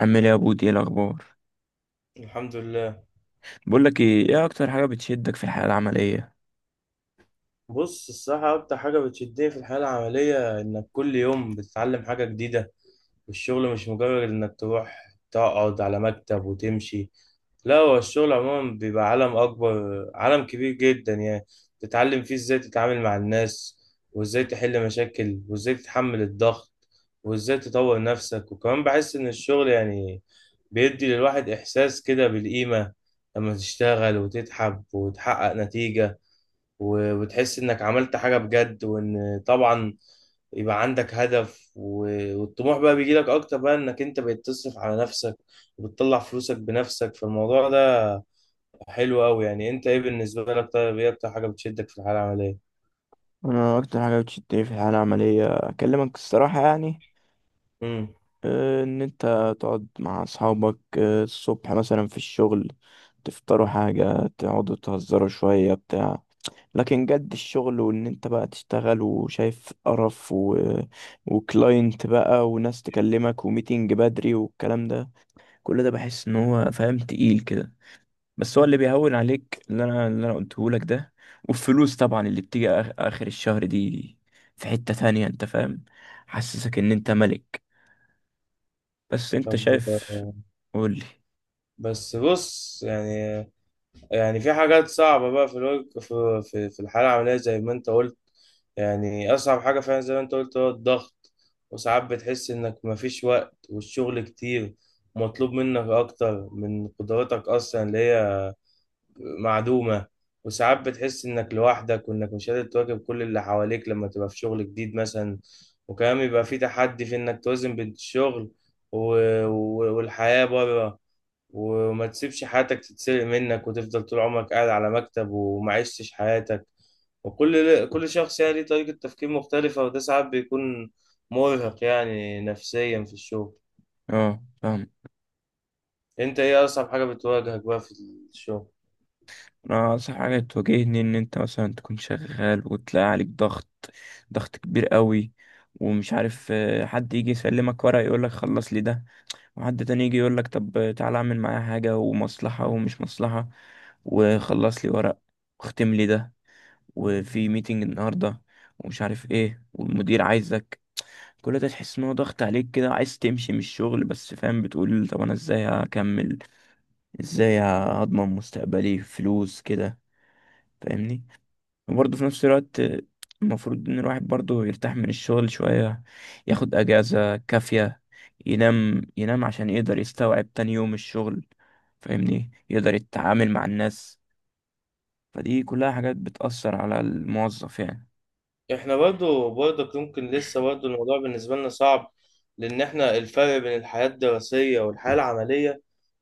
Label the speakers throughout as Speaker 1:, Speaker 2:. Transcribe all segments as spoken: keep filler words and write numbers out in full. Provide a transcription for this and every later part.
Speaker 1: عامل ايه يا بودي؟ ايه الاخبار؟
Speaker 2: الحمد لله.
Speaker 1: بقول لك ايه ايه اكتر حاجه بتشدك في الحياه العمليه؟
Speaker 2: بص، الصراحة أكتر حاجة بتشدني في الحياة العملية إنك كل يوم بتتعلم حاجة جديدة، والشغل مش مجرد إنك تروح تقعد على مكتب وتمشي. لا، هو الشغل عموما بيبقى عالم أكبر، عالم كبير جدا يعني. تتعلم فيه إزاي تتعامل مع الناس، وإزاي تحل مشاكل، وإزاي تتحمل الضغط، وإزاي تطور نفسك. وكمان بحس إن الشغل يعني بيدي للواحد إحساس كده بالقيمة، لما تشتغل وتتعب وتحقق نتيجة، و- وتحس انك عملت حاجة بجد. وان طبعا يبقى عندك هدف، و- والطموح بقى بيجيلك اكتر، بقى انك انت بقيت تصرف على نفسك وبتطلع فلوسك بنفسك. فالموضوع ده حلو قوي يعني. انت ايه بالنسبة لك؟ طيب، ايه اكتر حاجة بتشدك في الحالة العملية؟
Speaker 1: انا اكتر حاجه بتشدني في الحياه العمليه، اكلمك الصراحه، يعني
Speaker 2: امم
Speaker 1: آه، ان انت تقعد مع اصحابك، آه، الصبح مثلا في الشغل، تفطروا حاجه، تقعدوا تهزروا شويه بتاع. لكن جد الشغل، وان انت بقى تشتغل وشايف قرف و... وكلاينت بقى وناس تكلمك وميتنج بدري والكلام ده. كل ده بحس ان هو فاهم تقيل كده. بس هو اللي بيهون عليك اللي انا اللي انا قلته لك ده، والفلوس طبعا اللي بتيجي آخ- اخر الشهر دي، في حتة تانية، انت فاهم؟ حسسك ان انت ملك. بس انت
Speaker 2: طب،
Speaker 1: شايف؟
Speaker 2: آه،
Speaker 1: قولي.
Speaker 2: بس بص يعني يعني في حاجات صعبة بقى في الوج- في في في الحالة العملية زي ما أنت قلت. يعني أصعب حاجة فعلا زي ما أنت قلت هو الضغط. وساعات بتحس إنك مفيش وقت والشغل كتير ومطلوب منك أكتر من قدراتك أصلا، اللي هي معدومة. وساعات بتحس إنك لوحدك وإنك مش قادر تواكب كل اللي حواليك لما تبقى في شغل جديد مثلا. وكمان بيبقى في تحدي في إنك توازن بين الشغل و- و- والحياة بره، وما تسيبش حياتك تتسرق منك وتفضل طول عمرك قاعد على مكتب وما عشتش حياتك. وكل كل شخص يعني ليه طريقة تفكير مختلفة، وده ساعات بيكون مرهق يعني نفسيا في الشغل.
Speaker 1: اه، فاهم.
Speaker 2: انت ايه اصعب حاجة بتواجهك بقى في الشغل؟
Speaker 1: انا اصح حاجة تواجهني ان انت مثلا تكون شغال وتلاقي عليك ضغط، ضغط كبير قوي، ومش عارف، آه، حد يجي يسلمك ورقة يقولك خلص لي ده، وحد تاني يجي يقولك طب تعالى اعمل معايا حاجة، ومصلحة ومش مصلحة، وخلص لي ورق، واختم لي ده، وفي ميتنج النهارده، ومش عارف ايه، والمدير عايزك. كل ده تحس ان هو ضغط عليك كده، عايز تمشي من الشغل، بس فاهم، بتقول طب انا ازاي هكمل؟ ازاي هضمن مستقبلي؟ فلوس كده، فاهمني؟ وبرضه في نفس الوقت، المفروض ان الواحد برضه يرتاح من الشغل شوية، ياخد اجازة كافية، ينام ينام عشان يقدر يستوعب تاني يوم الشغل، فاهمني، يقدر يتعامل مع الناس. فدي كلها حاجات بتأثر على الموظف، يعني.
Speaker 2: احنا برضو برضك ممكن لسه برضو الموضوع بالنسبة لنا صعب، لأن احنا الفرق بين الحياة الدراسية والحياة العملية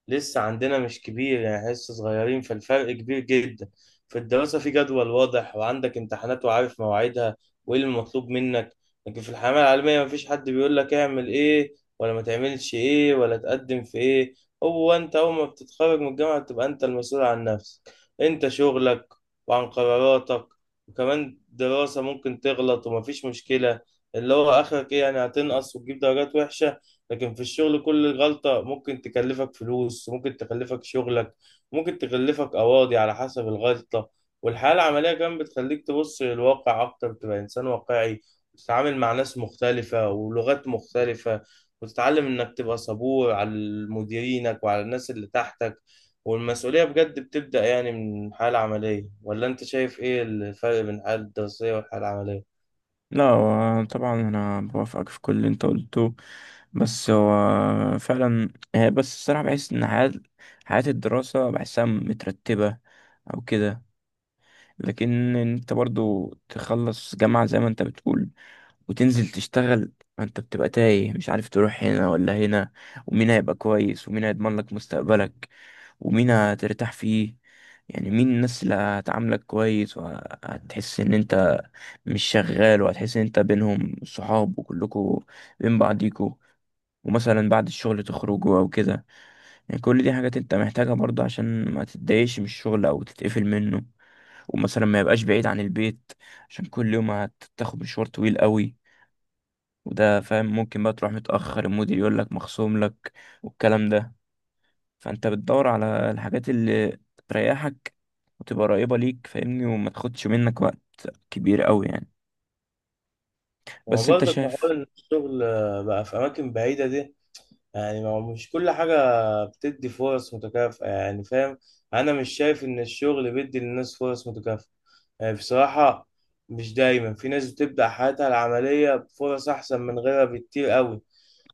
Speaker 2: لسه عندنا مش كبير يعني. إحنا لسه صغيرين فالفرق كبير جدا. في الدراسة في جدول واضح وعندك امتحانات وعارف مواعيدها وإيه اللي مطلوب منك. لكن في الحياة العملية مفيش حد بيقول لك اعمل إيه ولا ما تعملش إيه ولا تقدم في إيه. هو أنت أول ما بتتخرج من الجامعة بتبقى أنت المسؤول عن نفسك، أنت شغلك، وعن قراراتك. وكمان دراسة ممكن تغلط ومفيش مشكلة، اللي هو آخرك إيه يعني؟ هتنقص وتجيب درجات وحشة. لكن في الشغل كل غلطة ممكن تكلفك فلوس، ممكن تكلفك شغلك، ممكن تكلفك قواضي على حسب الغلطة. والحياة العملية كمان بتخليك تبص للواقع أكتر، تبقى إنسان واقعي، وتتعامل مع ناس مختلفة ولغات مختلفة، وتتعلم إنك تبقى صبور على مديرينك وعلى الناس اللي تحتك. والمسؤولية بجد بتبدأ يعني من حالة عملية. ولا أنت شايف إيه الفرق بين الحالة الدراسية والحالة العملية؟
Speaker 1: لا، هو طبعا انا بوافقك في كل اللي انت قلته. بس هو فعلا هي، بس الصراحه بحس ان حياه حياه الدراسه بحسها مترتبه او كده. لكن انت برضو تخلص جامعه زي ما انت بتقول وتنزل تشتغل، ما انت بتبقى تايه، مش عارف تروح هنا ولا هنا، ومين هيبقى كويس، ومين هيضمن لك مستقبلك، ومين هترتاح فيه، يعني مين الناس اللي هتعاملك كويس، وهتحس ان انت مش شغال، وهتحس ان انت بينهم صحاب وكلكوا بين بعضيكوا، ومثلا بعد الشغل تخرجوا او كده. يعني كل دي حاجات انت محتاجها برضه عشان ما تتضايقش من الشغل او تتقفل منه. ومثلا ما يبقاش بعيد عن البيت، عشان كل يوم هتاخد مشوار طويل قوي، وده فاهم ممكن بقى تروح متأخر، المدير يقول لك مخصوم لك والكلام ده. فانت بتدور على الحاجات اللي تريحك وتبقى قريبة ليك، فاهمني، وما تاخدش منك وقت كبير قوي يعني.
Speaker 2: ما هو
Speaker 1: بس انت
Speaker 2: برضك بحاول
Speaker 1: شايف؟
Speaker 2: إن الشغل، آه، بقى في أماكن بعيدة دي. يعني ما هو مش كل حاجة بتدي فرص متكافئة، يعني فاهم. أنا مش شايف إن الشغل بيدي للناس فرص متكافئة يعني، بصراحة. مش دايما، في ناس بتبدأ حياتها العملية بفرص أحسن من غيرها بكتير قوي،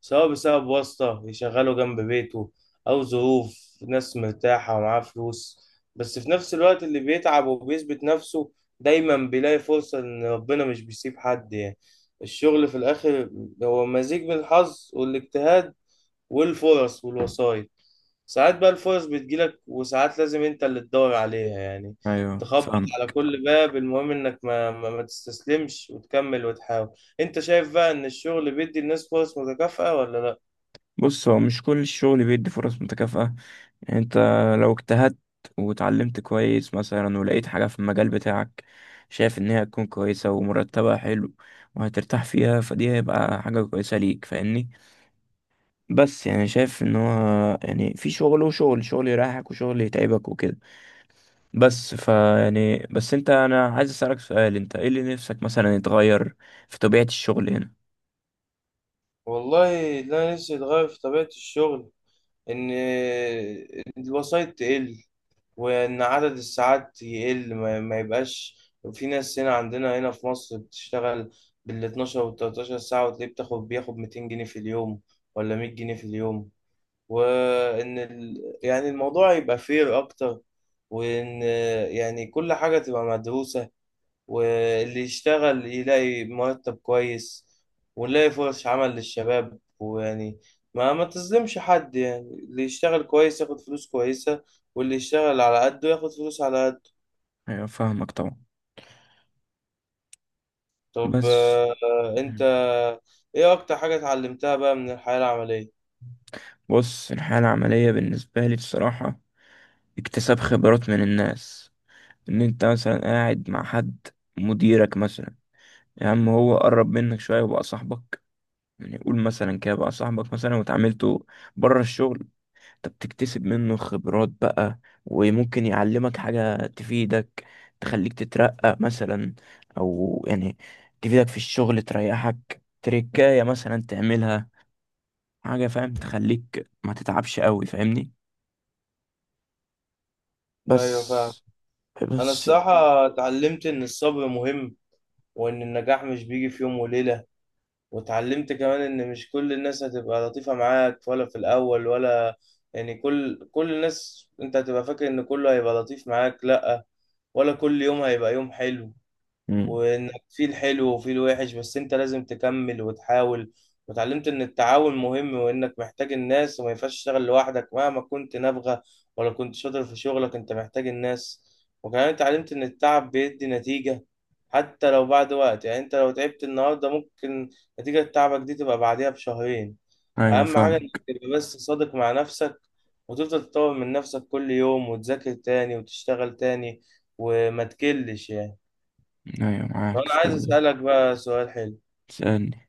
Speaker 2: سواء بسبب واسطة يشغله جنب بيته، أو ظروف ناس مرتاحة ومعاه فلوس. بس في نفس الوقت اللي بيتعب وبيثبت نفسه دايما بيلاقي فرصة، إن ربنا مش بيسيب حد يعني. الشغل في الآخر هو مزيج من الحظ والاجتهاد والفرص والوسايط. ساعات بقى الفرص بتجيلك، وساعات لازم انت اللي تدور عليها يعني.
Speaker 1: ايوه،
Speaker 2: تخبط
Speaker 1: فاهم.
Speaker 2: على كل باب، المهم انك ما, ما, ما تستسلمش وتكمل وتحاول. انت شايف بقى ان الشغل بيدي الناس فرص متكافئة ولا لا؟
Speaker 1: بص، هو مش كل الشغل بيدي فرص متكافئة. يعني انت لو اجتهدت وتعلمت كويس مثلا، ولقيت حاجة في المجال بتاعك شايف ان هي هتكون كويسة ومرتبها حلو وهترتاح فيها، فدي هيبقى حاجة كويسة ليك، فاهمني. بس يعني شايف ان هو، يعني في شغل وشغل، شغل يريحك وشغل يتعبك وكده. بس ف يعني بس انت انا عايز اسالك سؤال، انت ايه اللي نفسك مثلا يتغير في طبيعة الشغل هنا؟
Speaker 2: والله، ده نفسي يتغير في طبيعة الشغل، ان الوسايط تقل، وإن عدد الساعات يقل، ما, ما يبقاش في ناس هنا، عندنا هنا في مصر بتشتغل بال اتناشر وال تلتاشر ساعة، وتلاقيه بتاخد بياخد مئتين جنيه في اليوم، ولا مية جنيه في اليوم. وإن ال... يعني الموضوع يبقى فير أكتر، وإن يعني كل حاجة تبقى مدروسة، واللي يشتغل يلاقي مرتب كويس، ونلاقي فرص عمل للشباب، ويعني ما ما تظلمش حد يعني. اللي يشتغل كويس ياخد فلوس كويسة، واللي يشتغل على قده ياخد فلوس على قده.
Speaker 1: ايوه، فاهمك طبعا.
Speaker 2: طب،
Speaker 1: بس
Speaker 2: آه، انت ايه اكتر حاجة اتعلمتها بقى من الحياة العملية؟
Speaker 1: بص، الحالة العملية بالنسبة لي بصراحة اكتساب خبرات من الناس. ان انت مثلا قاعد مع حد، مديرك مثلا، يا عم هو قرب منك شوية وبقى صاحبك، يعني قول مثلا كده بقى صاحبك مثلا، وتعاملته بره الشغل، انت بتكتسب منه خبرات بقى، وممكن يعلمك حاجة تفيدك، تخليك تترقى مثلا، او يعني تفيدك في الشغل، تريحك، تركاية مثلا تعملها حاجة فاهم، تخليك ما تتعبش قوي، فاهمني. بس
Speaker 2: ايوه فاهم. انا
Speaker 1: بس
Speaker 2: الصراحة اتعلمت ان الصبر مهم، وان النجاح مش بيجي في يوم وليلة. واتعلمت كمان ان مش كل الناس هتبقى لطيفة معاك، ولا في الاول ولا. يعني كل كل الناس انت هتبقى فاكر ان كله هيبقى لطيف معاك، لا. ولا كل يوم هيبقى يوم حلو.
Speaker 1: مم.
Speaker 2: وانك في الحلو وفي الوحش بس انت لازم تكمل وتحاول. وتعلمت ان التعاون مهم، وانك محتاج الناس، وما ينفعش تشتغل لوحدك مهما كنت نابغة ولا كنت شاطر في شغلك، انت محتاج الناس. وكمان اتعلمت ان التعب بيدي نتيجة، حتى لو بعد وقت. يعني انت لو تعبت النهاردة، ممكن نتيجة تعبك دي تبقى بعديها بشهرين.
Speaker 1: ايوه،
Speaker 2: اهم حاجة انك
Speaker 1: فاهمك.
Speaker 2: تبقى بس صادق مع نفسك، وتفضل تطور من نفسك كل يوم، وتذاكر تاني وتشتغل تاني، وما تكلش يعني.
Speaker 1: ايوه، معاك
Speaker 2: انا
Speaker 1: في
Speaker 2: عايز
Speaker 1: كل ده.
Speaker 2: اسالك بقى سؤال حلو.
Speaker 1: سألني.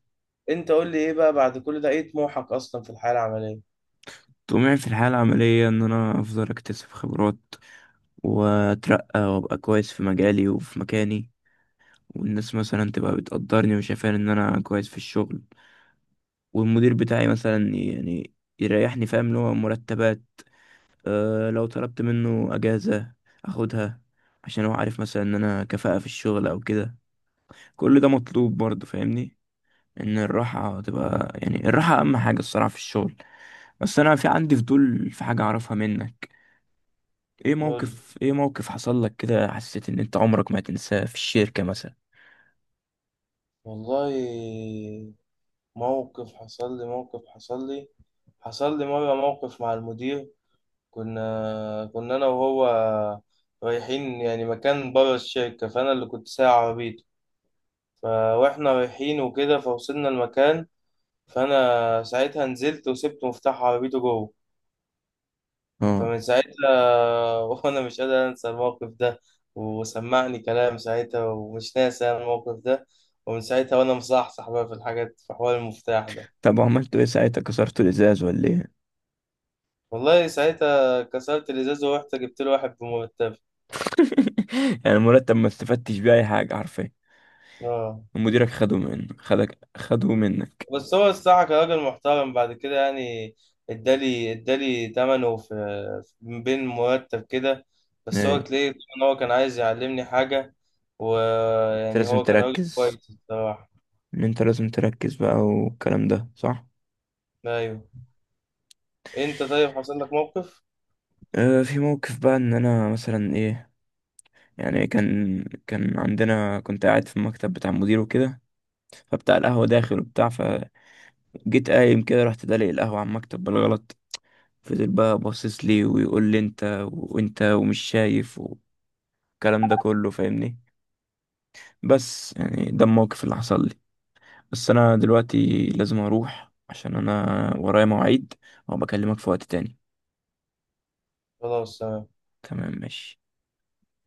Speaker 2: انت قول لي، ايه بقى بعد كل ده ايه طموحك اصلا في الحياه العمليه؟
Speaker 1: طموحي في الحياة العملية ان انا افضل اكتسب خبرات واترقى وابقى كويس في مجالي وفي مكاني، والناس مثلا تبقى بتقدرني وشايفاني ان انا كويس في الشغل، والمدير بتاعي مثلا يعني يريحني، فاهم، اللي هو مرتبات. أه لو طلبت منه اجازة اخدها، عشان هو عارف مثلا ان انا كفاءة في الشغل او كده. كل ده مطلوب برضه، فاهمني، ان الراحة تبقى، يعني الراحة اهم حاجة الصراحة في الشغل. بس انا في عندي فضول في حاجة اعرفها منك. ايه
Speaker 2: نقول لي.
Speaker 1: موقف، ايه موقف حصل لك كده حسيت ان انت عمرك ما هتنساه في الشركة مثلا؟
Speaker 2: والله، موقف حصل لي موقف حصل لي حصل لي مره موقف مع المدير. كنا كنا انا وهو رايحين يعني مكان بره الشركه، فانا اللي كنت سايق عربيته. ف- واحنا رايحين وكده فوصلنا المكان، فانا ساعتها نزلت وسبت مفتاح عربيته جوه.
Speaker 1: اه.
Speaker 2: فمن ساعتها وانا مش قادر انسى الموقف ده. وسمعني كلام ساعتها، ومش ناسي أنا الموقف ده، ومن ساعتها وانا مصحصح بقى في الحاجات، في حوار المفتاح ده.
Speaker 1: طب وعملتوا ايه ساعتها؟ كسرتوا الازاز ولا ايه؟
Speaker 2: والله ساعتها كسرت الازاز ورحت جبت له واحد بمرتب.
Speaker 1: يعني المرتب ما استفدتش بيه اي حاجه حرفيا؟
Speaker 2: اه.
Speaker 1: ومديرك خده منك خدك خده منك
Speaker 2: بس هو الصراحه كان راجل محترم بعد كده يعني. ادالي ادالي تمنه في في- بين مرتب كده. بس هو
Speaker 1: ايه،
Speaker 2: تلاقيه ان هو كان عايز يعلمني حاجه.
Speaker 1: انت
Speaker 2: ويعني
Speaker 1: لازم
Speaker 2: هو كان راجل
Speaker 1: تركز،
Speaker 2: كويس الصراحه.
Speaker 1: ان انت لازم تركز بقى والكلام ده صح.
Speaker 2: ايوه. انت طيب، حصل لك موقف؟
Speaker 1: اه، في موقف بقى ان انا مثلا ايه، يعني كان كان عندنا كنت قاعد في المكتب بتاع المدير وكده، فبتاع القهوه داخل وبتاع فجيت، قايم كده رحت دلق القهوه على المكتب بالغلط. فضل بقى باصص لي ويقول لي انت وانت ومش شايف، والكلام ده كله فاهمني. بس يعني ده الموقف اللي حصل لي. بس انا دلوقتي لازم اروح عشان انا ورايا مواعيد، وبكلمك في وقت تاني.
Speaker 2: خلاص.
Speaker 1: تمام، ماشي.